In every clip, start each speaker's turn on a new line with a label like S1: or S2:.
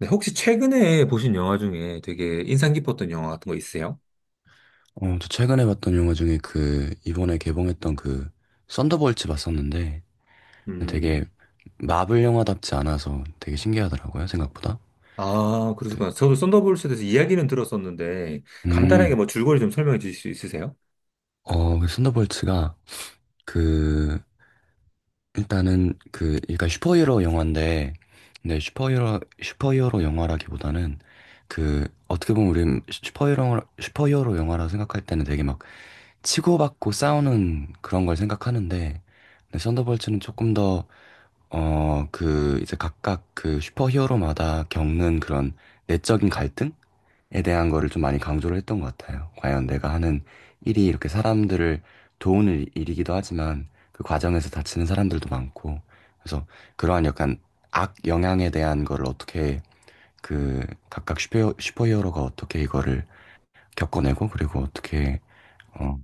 S1: 네, 혹시 최근에 보신 영화 중에 되게 인상 깊었던 영화 같은 거 있으세요?
S2: 저 최근에 봤던 영화 중에 이번에 개봉했던 썬더볼츠 봤었는데, 되게
S1: 음,
S2: 마블 영화답지 않아서 되게 신기하더라고요, 생각보다.
S1: 아,
S2: 네.
S1: 그러시구나. 저도 썬더볼스에 대해서 이야기는 들었었는데, 간단하게
S2: 음,
S1: 뭐 줄거리 좀 설명해 주실 수 있으세요?
S2: 그 썬더볼츠가 그, 일단은 그러니까 슈퍼히어로 영화인데, 근데 슈퍼히어로 영화라기보다는 어떻게 보면 우리 슈퍼히어로 영화라 생각할 때는 되게 막 치고받고 싸우는 그런 걸 생각하는데, 근데 썬더볼츠는 조금 더 이제 각각 그 슈퍼히어로마다 겪는 그런 내적인 갈등에 대한 거를 좀 많이 강조를 했던 것 같아요. 과연 내가 하는 일이 이렇게 사람들을 도우는 일이기도 하지만 그 과정에서 다치는 사람들도 많고, 그래서 그러한 약간 악 영향에 대한 거를 어떻게 그 각각 슈퍼히어로가 어떻게 이거를 겪어내고 그리고 어떻게 어,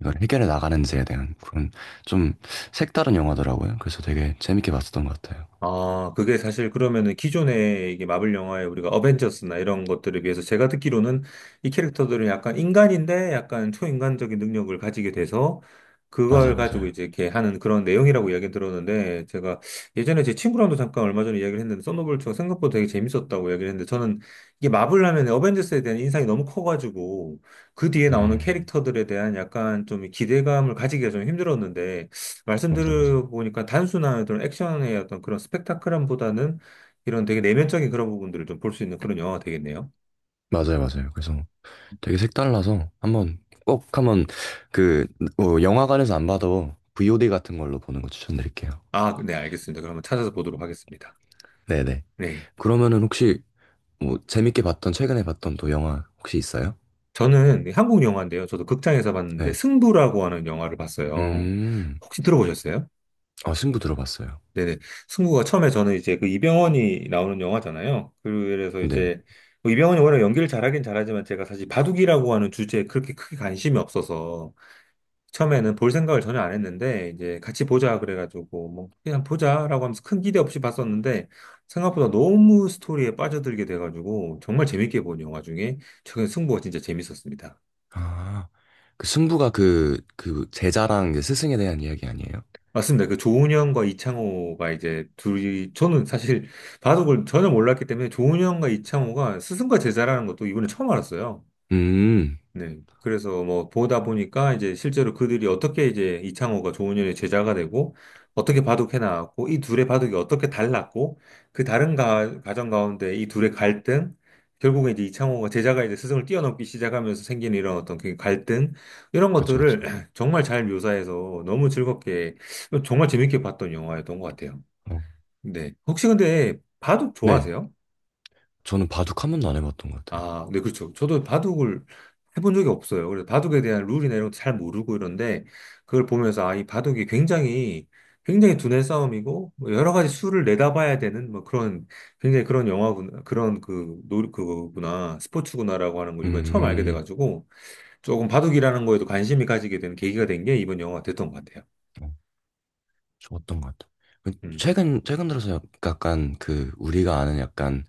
S2: 이걸 해결해 나가는지에 대한 그런 좀 색다른 영화더라고요. 그래서 되게 재밌게 봤었던 것 같아요.
S1: 아, 그게 사실 그러면은 기존에 이게 마블 영화에 우리가 어벤져스나 이런 것들에 비해서 제가 듣기로는 이 캐릭터들은 약간 인간인데 약간 초인간적인 능력을 가지게 돼서
S2: 맞아요,
S1: 그걸 가지고
S2: 맞아요.
S1: 이제 이렇게 하는 그런 내용이라고 이야기 들었는데 제가 예전에 제 친구랑도 잠깐 얼마 전에 이야기를 했는데 썬더볼트가 생각보다 되게 재밌었다고 이야기를 했는데 저는 이게 마블 하면 어벤져스에 대한 인상이 너무 커가지고 그 뒤에 나오는
S2: 음,
S1: 캐릭터들에 대한 약간 좀 기대감을 가지기가 좀 힘들었는데 말씀
S2: 맞아요, 맞아요.
S1: 들어보니까 단순한 어떤 액션의 어떤 그런 스펙타클함보다는 이런 되게 내면적인 그런 부분들을 좀 볼 수 있는 그런 영화가 되겠네요.
S2: 맞아요, 맞아요. 그래서 되게 색달라서 한번 꼭 그 영화관에서 안 봐도 VOD 같은 걸로 보는 거 추천드릴게요.
S1: 아, 네, 알겠습니다. 그러면 찾아서 보도록 하겠습니다.
S2: 네네.
S1: 네.
S2: 그러면은 혹시 뭐 재밌게 봤던 최근에 봤던 또 영화 혹시 있어요?
S1: 저는 한국 영화인데요. 저도 극장에서 봤는데
S2: 네.
S1: 승부라고 하는 영화를 봤어요.
S2: 음,
S1: 혹시 들어보셨어요?
S2: 아 승부 들어봤어요.
S1: 네네. 승부가 처음에 저는 이제 그 이병헌이 나오는 영화잖아요. 그래서
S2: 네.
S1: 이제 뭐 이병헌이 워낙 연기를 잘하긴 잘하지만 제가 사실 바둑이라고 하는 주제에 그렇게 크게 관심이 없어서 처음에는 볼 생각을 전혀 안 했는데 이제 같이 보자 그래가지고 뭐 그냥 보자라고 하면서 큰 기대 없이 봤었는데 생각보다 너무 스토리에 빠져들게 돼가지고 정말 재밌게 본 영화 중에 최근 승부가 진짜 재밌었습니다.
S2: 아, 그 승부가 그 제자랑 이제 스승에 대한 이야기 아니에요?
S1: 맞습니다. 그 조은현과 이창호가 이제 둘이 저는 사실 바둑을 전혀 몰랐기 때문에 조은현과 이창호가 스승과 제자라는 것도 이번에 처음 알았어요.
S2: 음,
S1: 네. 그래서 뭐 보다 보니까 이제 실제로 그들이 어떻게 이제 이창호가 조은현의 제자가 되고 어떻게 바둑해 나왔고 이 둘의 바둑이 어떻게 달랐고 그 다른 가, 과정 가운데 이 둘의 갈등, 결국에 이제 이창호가 제자가 이제 스승을 뛰어넘기 시작하면서 생기는 이런 어떤 그 갈등, 이런
S2: 그쵸, 그쵸.
S1: 것들을 정말 잘 묘사해서 너무 즐겁게 정말 재밌게 봤던 영화였던 것 같아요.
S2: 어.
S1: 네. 혹시 근데 바둑
S2: 네.
S1: 좋아하세요?
S2: 저는 바둑 한 번도 안 해봤던 것 같아요.
S1: 아, 네, 그렇죠. 저도 바둑을 해본 적이 없어요. 그래서 바둑에 대한 룰이나 이런 것도 잘 모르고 이런데, 그걸 보면서, 아, 이 바둑이 굉장히, 굉장히 두뇌 싸움이고, 뭐 여러 가지 수를 내다봐야 되는, 뭐 그런, 굉장히 그런 영화구나, 그런 그, 노, 그거구나, 스포츠구나라고 하는 걸 이번에 처음 알게
S2: 음.
S1: 돼가지고, 조금 바둑이라는 거에도 관심이 가지게 된 계기가 된 게 이번 영화가 됐던 것 같아요.
S2: 어. 좋았던 것 같아. 그
S1: 음.
S2: 최근 들어서 약간 그 우리가 아는 약간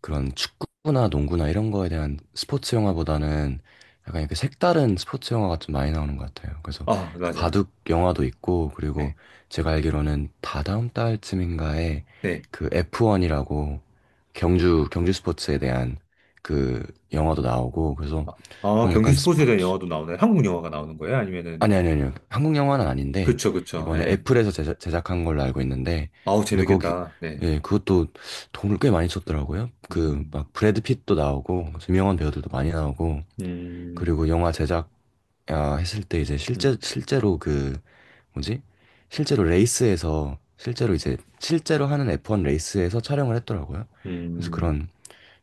S2: 그런 축구나 농구나 이런 거에 대한 스포츠 영화보다는 약간 이렇게 색다른 스포츠 영화가 좀 많이 나오는 것 같아요. 그래서
S1: 아,
S2: 그
S1: 맞아요.
S2: 바둑 영화도 있고 그리고
S1: 네,
S2: 제가 알기로는 다다음 달쯤인가에
S1: 네.
S2: 그 F1이라고 경주 스포츠에 대한 그 영화도 나오고 그래서
S1: 아, 아,
S2: 그런
S1: 경기
S2: 약간
S1: 스포츠에 대한
S2: 스포츠
S1: 영화도 나오나요? 한국 영화가 나오는 거예요? 아니면은,
S2: 아니, 아니, 아니요. 한국 영화는 아닌데,
S1: 그쵸, 그쵸.
S2: 이번에
S1: 예.
S2: 애플에서 제작한 걸로 알고 있는데,
S1: 아우,
S2: 근데 거기,
S1: 재밌겠다. 네.
S2: 예, 그것도 돈을 꽤 많이 썼더라고요.
S1: 음,
S2: 브래드 핏도 나오고, 유명한 배우들도 많이 나오고,
S1: 음,
S2: 그리고 했을 때 이제
S1: 음,
S2: 실제로 그, 뭐지? 실제로 레이스에서, 실제로 하는 F1 레이스에서 촬영을 했더라고요. 그래서
S1: 음.
S2: 그런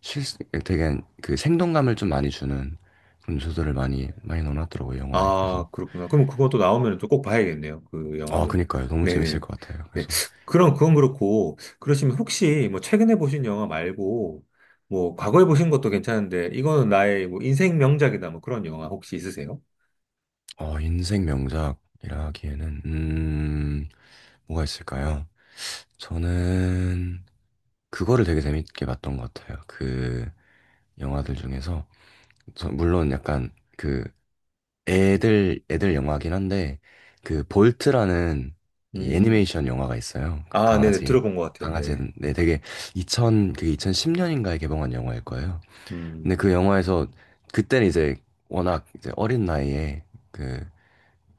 S2: 실, 되게 그 생동감을 좀 많이 주는 그런 요소들을 많이 넣어놨더라고요, 영화에. 그래서
S1: 아, 그렇구나. 그럼 그것도 나오면 또 꼭 봐야겠네요. 그
S2: 아,
S1: 영화도.
S2: 그니까요. 너무 재밌을
S1: 네네.
S2: 것 같아요.
S1: 네.
S2: 그래서,
S1: 그럼 그건 그렇고, 그러시면 혹시 뭐 최근에 보신 영화 말고, 뭐 과거에 보신 것도 괜찮은데, 이거는 나의 뭐 인생 명작이다. 뭐 그런 영화 혹시 있으세요?
S2: 인생 명작이라 기에는 뭐가 있을까요? 저는, 그거를 되게 재밌게 봤던 것 같아요. 그, 영화들 중에서. 물론 약간, 그, 애들 영화긴 한데, 그, 볼트라는 이
S1: 음.
S2: 애니메이션 영화가 있어요. 그
S1: 아, 네네.
S2: 강아지,
S1: 들어본 것 같아요. 네네.
S2: 강아지는, 네, 되게, 2000, 그게 2010년인가에 개봉한 영화일 거예요. 근데 그
S1: 음,
S2: 영화에서, 그때는 이제, 워낙 이제 어린 나이에, 그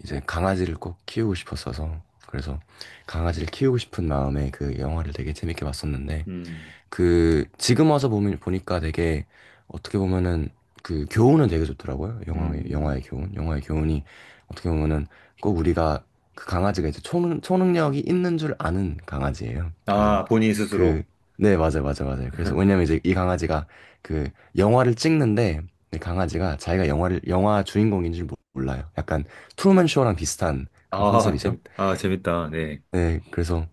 S2: 이제 강아지를 꼭 키우고 싶었어서 그래서 강아지를 키우고 싶은 마음에 그 영화를 되게 재밌게 봤었는데
S1: 음,
S2: 그 지금 와서 보면 보니까 되게 어떻게 보면은 그 교훈은 되게 좋더라고요. 영화의
S1: 음.
S2: 영화의 교훈, 영화의 교훈이 어떻게 보면은 꼭 우리가 그 강아지가 이제 초능력이 있는 줄 아는 강아지예요. 그래서
S1: 아, 본인
S2: 그
S1: 스스로.
S2: 네, 맞아요. 그래서 왜냐면 이제 이 강아지가 그 영화를 찍는데 이 강아지가 자기가 영화 주인공인 줄 몰라요. 약간 트루먼 쇼랑 비슷한 그런
S1: 아,
S2: 컨셉이죠.
S1: 재밌다. 아, 재밌다. 네.
S2: 네, 그래서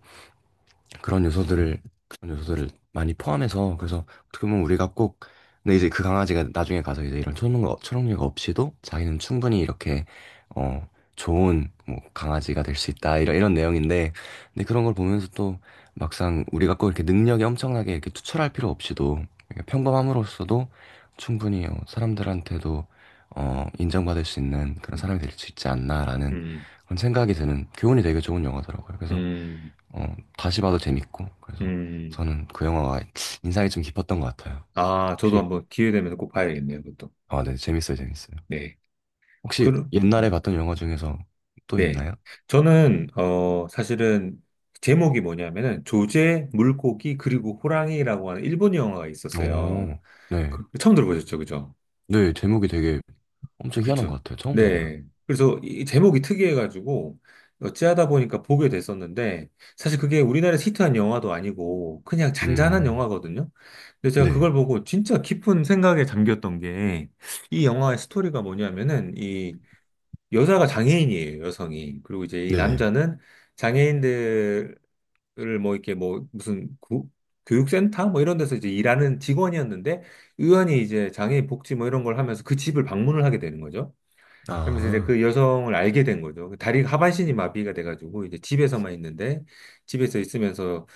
S2: 그런 요소들을 그런 요소들을 많이 포함해서 그래서 어떻게 보면 우리가 꼭 근데 이제 그 강아지가 나중에 가서 이제 이런 초능력 없이도 자기는 충분히 이렇게 어 좋은 뭐 강아지가 될 수 있다 이런 내용인데 근데 그런 걸 보면서 또 막상 우리가 꼭 이렇게 능력이 엄청나게 이렇게 투철할 필요 없이도 이렇게 평범함으로써도 충분히 사람들한테도 인정받을 수 있는 그런 사람이 될 수 있지 않나라는
S1: 음,
S2: 그런 생각이 드는 교훈이 되게 좋은 영화더라고요. 그래서
S1: 음.
S2: 어, 다시 봐도 재밌고 그래서
S1: 음,
S2: 저는 그 영화가 인상이 좀 깊었던 것 같아요.
S1: 아, 저도
S2: 혹시
S1: 한번 기회 되면 꼭 봐야겠네요, 그것도.
S2: 아, 네, 재밌어요, 재밌어요.
S1: 네.
S2: 혹시
S1: 그,
S2: 옛날에 봤던 영화 중에서 또
S1: 네.
S2: 있나요?
S1: 저는, 사실은 제목이 뭐냐면은 조제, 물고기, 그리고 호랑이라고 하는 일본 영화가 있었어요.
S2: 오, 네,
S1: 그, 처음 들어보셨죠, 그죠?
S2: 네, 제목이 되게 엄청 희한한
S1: 그쵸.
S2: 것 같아요. 처음 들어봐요.
S1: 네. 그래서 이 제목이 특이해가지고 어찌하다 보니까 보게 됐었는데 사실 그게 우리나라에서 히트한 영화도 아니고 그냥 잔잔한
S2: 음,
S1: 영화거든요. 근데 제가
S2: 네,
S1: 그걸 보고 진짜 깊은 생각에 잠겼던 게 이 영화의 스토리가 뭐냐면은 이 여자가 장애인이에요, 여성이. 그리고 이제 이
S2: 네네.
S1: 남자는 장애인들을 뭐 이렇게 뭐 무슨 교육센터 뭐 이런 데서 이제 일하는 직원이었는데 의원이 이제 장애인 복지 뭐 이런 걸 하면서 그 집을 방문을 하게 되는 거죠. 그러면서 이제
S2: 아,
S1: 그 여성을 알게 된 거죠. 그 다리 하반신이 마비가 돼가지고 이제 집에서만 있는데 집에서 있으면서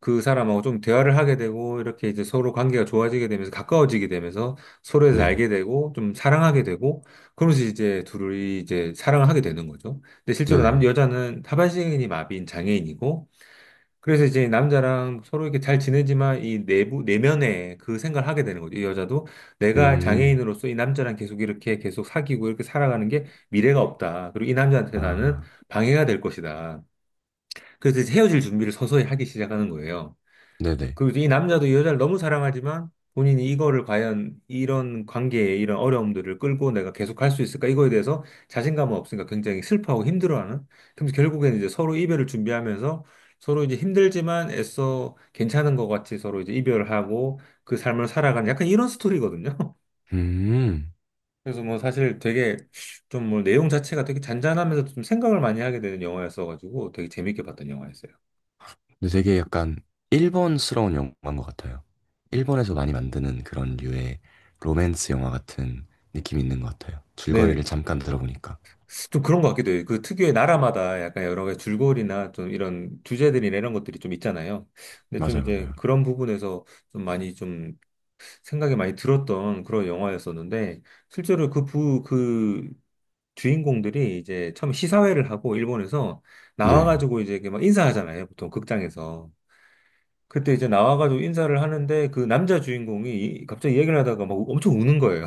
S1: 그 사람하고 좀 대화를 하게 되고 이렇게 이제 서로 관계가 좋아지게 되면서 가까워지게 되면서 서로에 서
S2: 네,
S1: 알게 되고 좀 사랑하게 되고 그러면서 이제 둘이 이제 사랑을 하게 되는 거죠. 근데 실제로 남
S2: 네네.
S1: 여자는 하반신이 마비인 장애인이고 그래서 이제 남자랑 서로 이렇게 잘 지내지만 이 내부, 내면에 그 생각을 하게 되는 거죠. 이 여자도 내가
S2: 음,
S1: 장애인으로서 이 남자랑 계속 이렇게 계속 사귀고 이렇게 살아가는 게 미래가 없다. 그리고 이 남자한테 나는
S2: 아,
S1: 방해가 될 것이다. 그래서 이제 헤어질 준비를 서서히 하기 시작하는 거예요.
S2: 네네.
S1: 그리고 이 남자도 이 여자를 너무 사랑하지만 본인이 이거를 과연 이런 관계에 이런 어려움들을 끌고 내가 계속 할 수 있을까? 이거에 대해서 자신감은 없으니까 굉장히 슬퍼하고 힘들어하는. 그럼 결국에는 이제 서로 이별을 준비하면서 서로 이제 힘들지만 애써 괜찮은 것 같이 서로 이제 이별하고 그 삶을 살아가는 약간 이런 스토리거든요.
S2: 음.
S1: 그래서 뭐 사실 되게 좀 뭐 내용 자체가 되게 잔잔하면서 좀 생각을 많이 하게 되는 영화였어가지고 되게 재밌게 봤던 영화였어요.
S2: 근데 되게 약간 일본스러운 영화인 것 같아요. 일본에서 많이 만드는 그런 류의 로맨스 영화 같은 느낌이 있는 것 같아요.
S1: 네.
S2: 줄거리를 잠깐 들어보니까.
S1: 좀 그런 것 같기도 해요. 그 특유의 나라마다 약간 여러 가지 줄거리나 좀 이런 주제들이나 이런 것들이 좀 있잖아요. 근데 좀
S2: 맞아요,
S1: 이제
S2: 맞아요.
S1: 그런 부분에서 좀 많이 좀 생각이 많이 들었던 그런 영화였었는데, 실제로 그 부, 그 주인공들이 이제 처음 시사회를 하고 일본에서
S2: 네.
S1: 나와가지고 이제 이렇게 막 인사하잖아요. 보통 극장에서. 그때 이제 나와가지고 인사를 하는데 그 남자 주인공이 갑자기 얘기를 하다가 막 엄청 우는 거예요.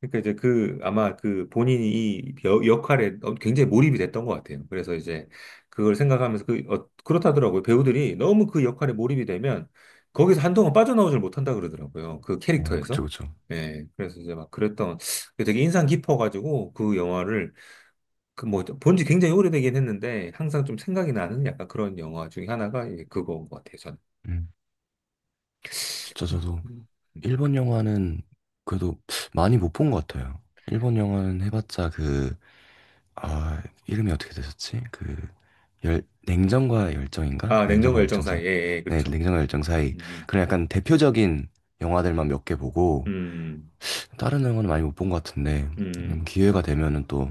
S1: 그러니까 이제 그 아마 그 본인이 이 역할에 굉장히 몰입이 됐던 것 같아요. 그래서 이제 그걸 생각하면서 그 그렇다더라고요. 배우들이 너무 그 역할에 몰입이 되면 거기서 한동안 빠져나오질 못한다 그러더라고요. 그
S2: 아, 그쵸,
S1: 캐릭터에서.
S2: 그쵸.
S1: 예, 그래서 이제 막 그랬던 그게 되게 인상 깊어가지고 그 영화를 그뭐 본지 굉장히 오래되긴 했는데 항상 좀 생각이 나는 약간 그런 영화 중에 하나가 예, 그거인 것 같아요. 저는.
S2: 음. 진짜 저도
S1: 그-
S2: 일본 영화는 그래도 많이 못 본 것 같아요. 일본 영화는 해봤자 그, 아, 이름이 어떻게 되셨지? 열, 냉정과 열정인가?
S1: 아, 냉정과
S2: 냉정과
S1: 열정
S2: 열정 사이?
S1: 사이. 예, 예,
S2: 네,
S1: 그렇죠.
S2: 냉정과 열정 사이.
S1: 음,
S2: 그런 약간 대표적인 영화들만 몇 개 보고,
S1: 음,
S2: 다른 영화는 많이 못 본 것 같은데
S1: 음. 아,
S2: 기회가 되면은 또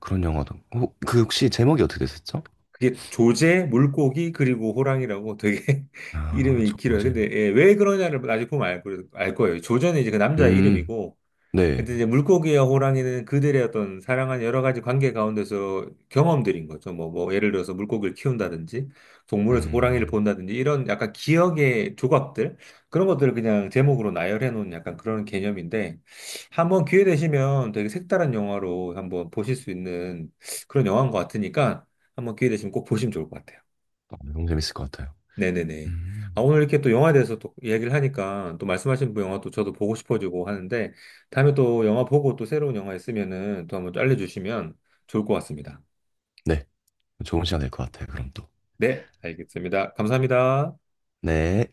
S2: 그런 영화도 그 혹시 제목이 어떻게 됐었죠?
S1: 그게 조제, 물고기, 그리고 호랑이라고 되게
S2: 아,
S1: 이름이 길어요. 근데
S2: 저잼.
S1: 예, 왜 그러냐를 나중에 보면 알, 알 거예요. 조제는 이제 그 남자의
S2: 음,
S1: 이름이고,
S2: 네.
S1: 근데 이제 물고기와 호랑이는 그들의 어떤 사랑한 여러 가지 관계 가운데서 경험들인 거죠. 뭐, 뭐, 예를 들어서 물고기를 키운다든지, 동물에서 호랑이를
S2: 음,
S1: 본다든지, 이런 약간 기억의 조각들, 그런 것들을 그냥 제목으로 나열해 놓은 약간 그런 개념인데, 한번 기회 되시면 되게 색다른 영화로 한번 보실 수 있는 그런 영화인 것 같으니까, 한번 기회 되시면 꼭 보시면 좋을 것 같아요.
S2: 아, 너무 재밌을 것 같아요.
S1: 네네네. 아,
S2: 음,
S1: 오늘 이렇게 또 영화에 대해서 또 이야기를 하니까 또 말씀하신 그 영화 또 저도 보고 싶어지고 하는데 다음에 또 영화 보고 또 새로운 영화 있으면은 또 한번 또 알려주시면 좋을 것 같습니다.
S2: 네. 좋은 시간 될 것 같아요, 그럼 또.
S1: 네, 알겠습니다. 감사합니다.
S2: 네.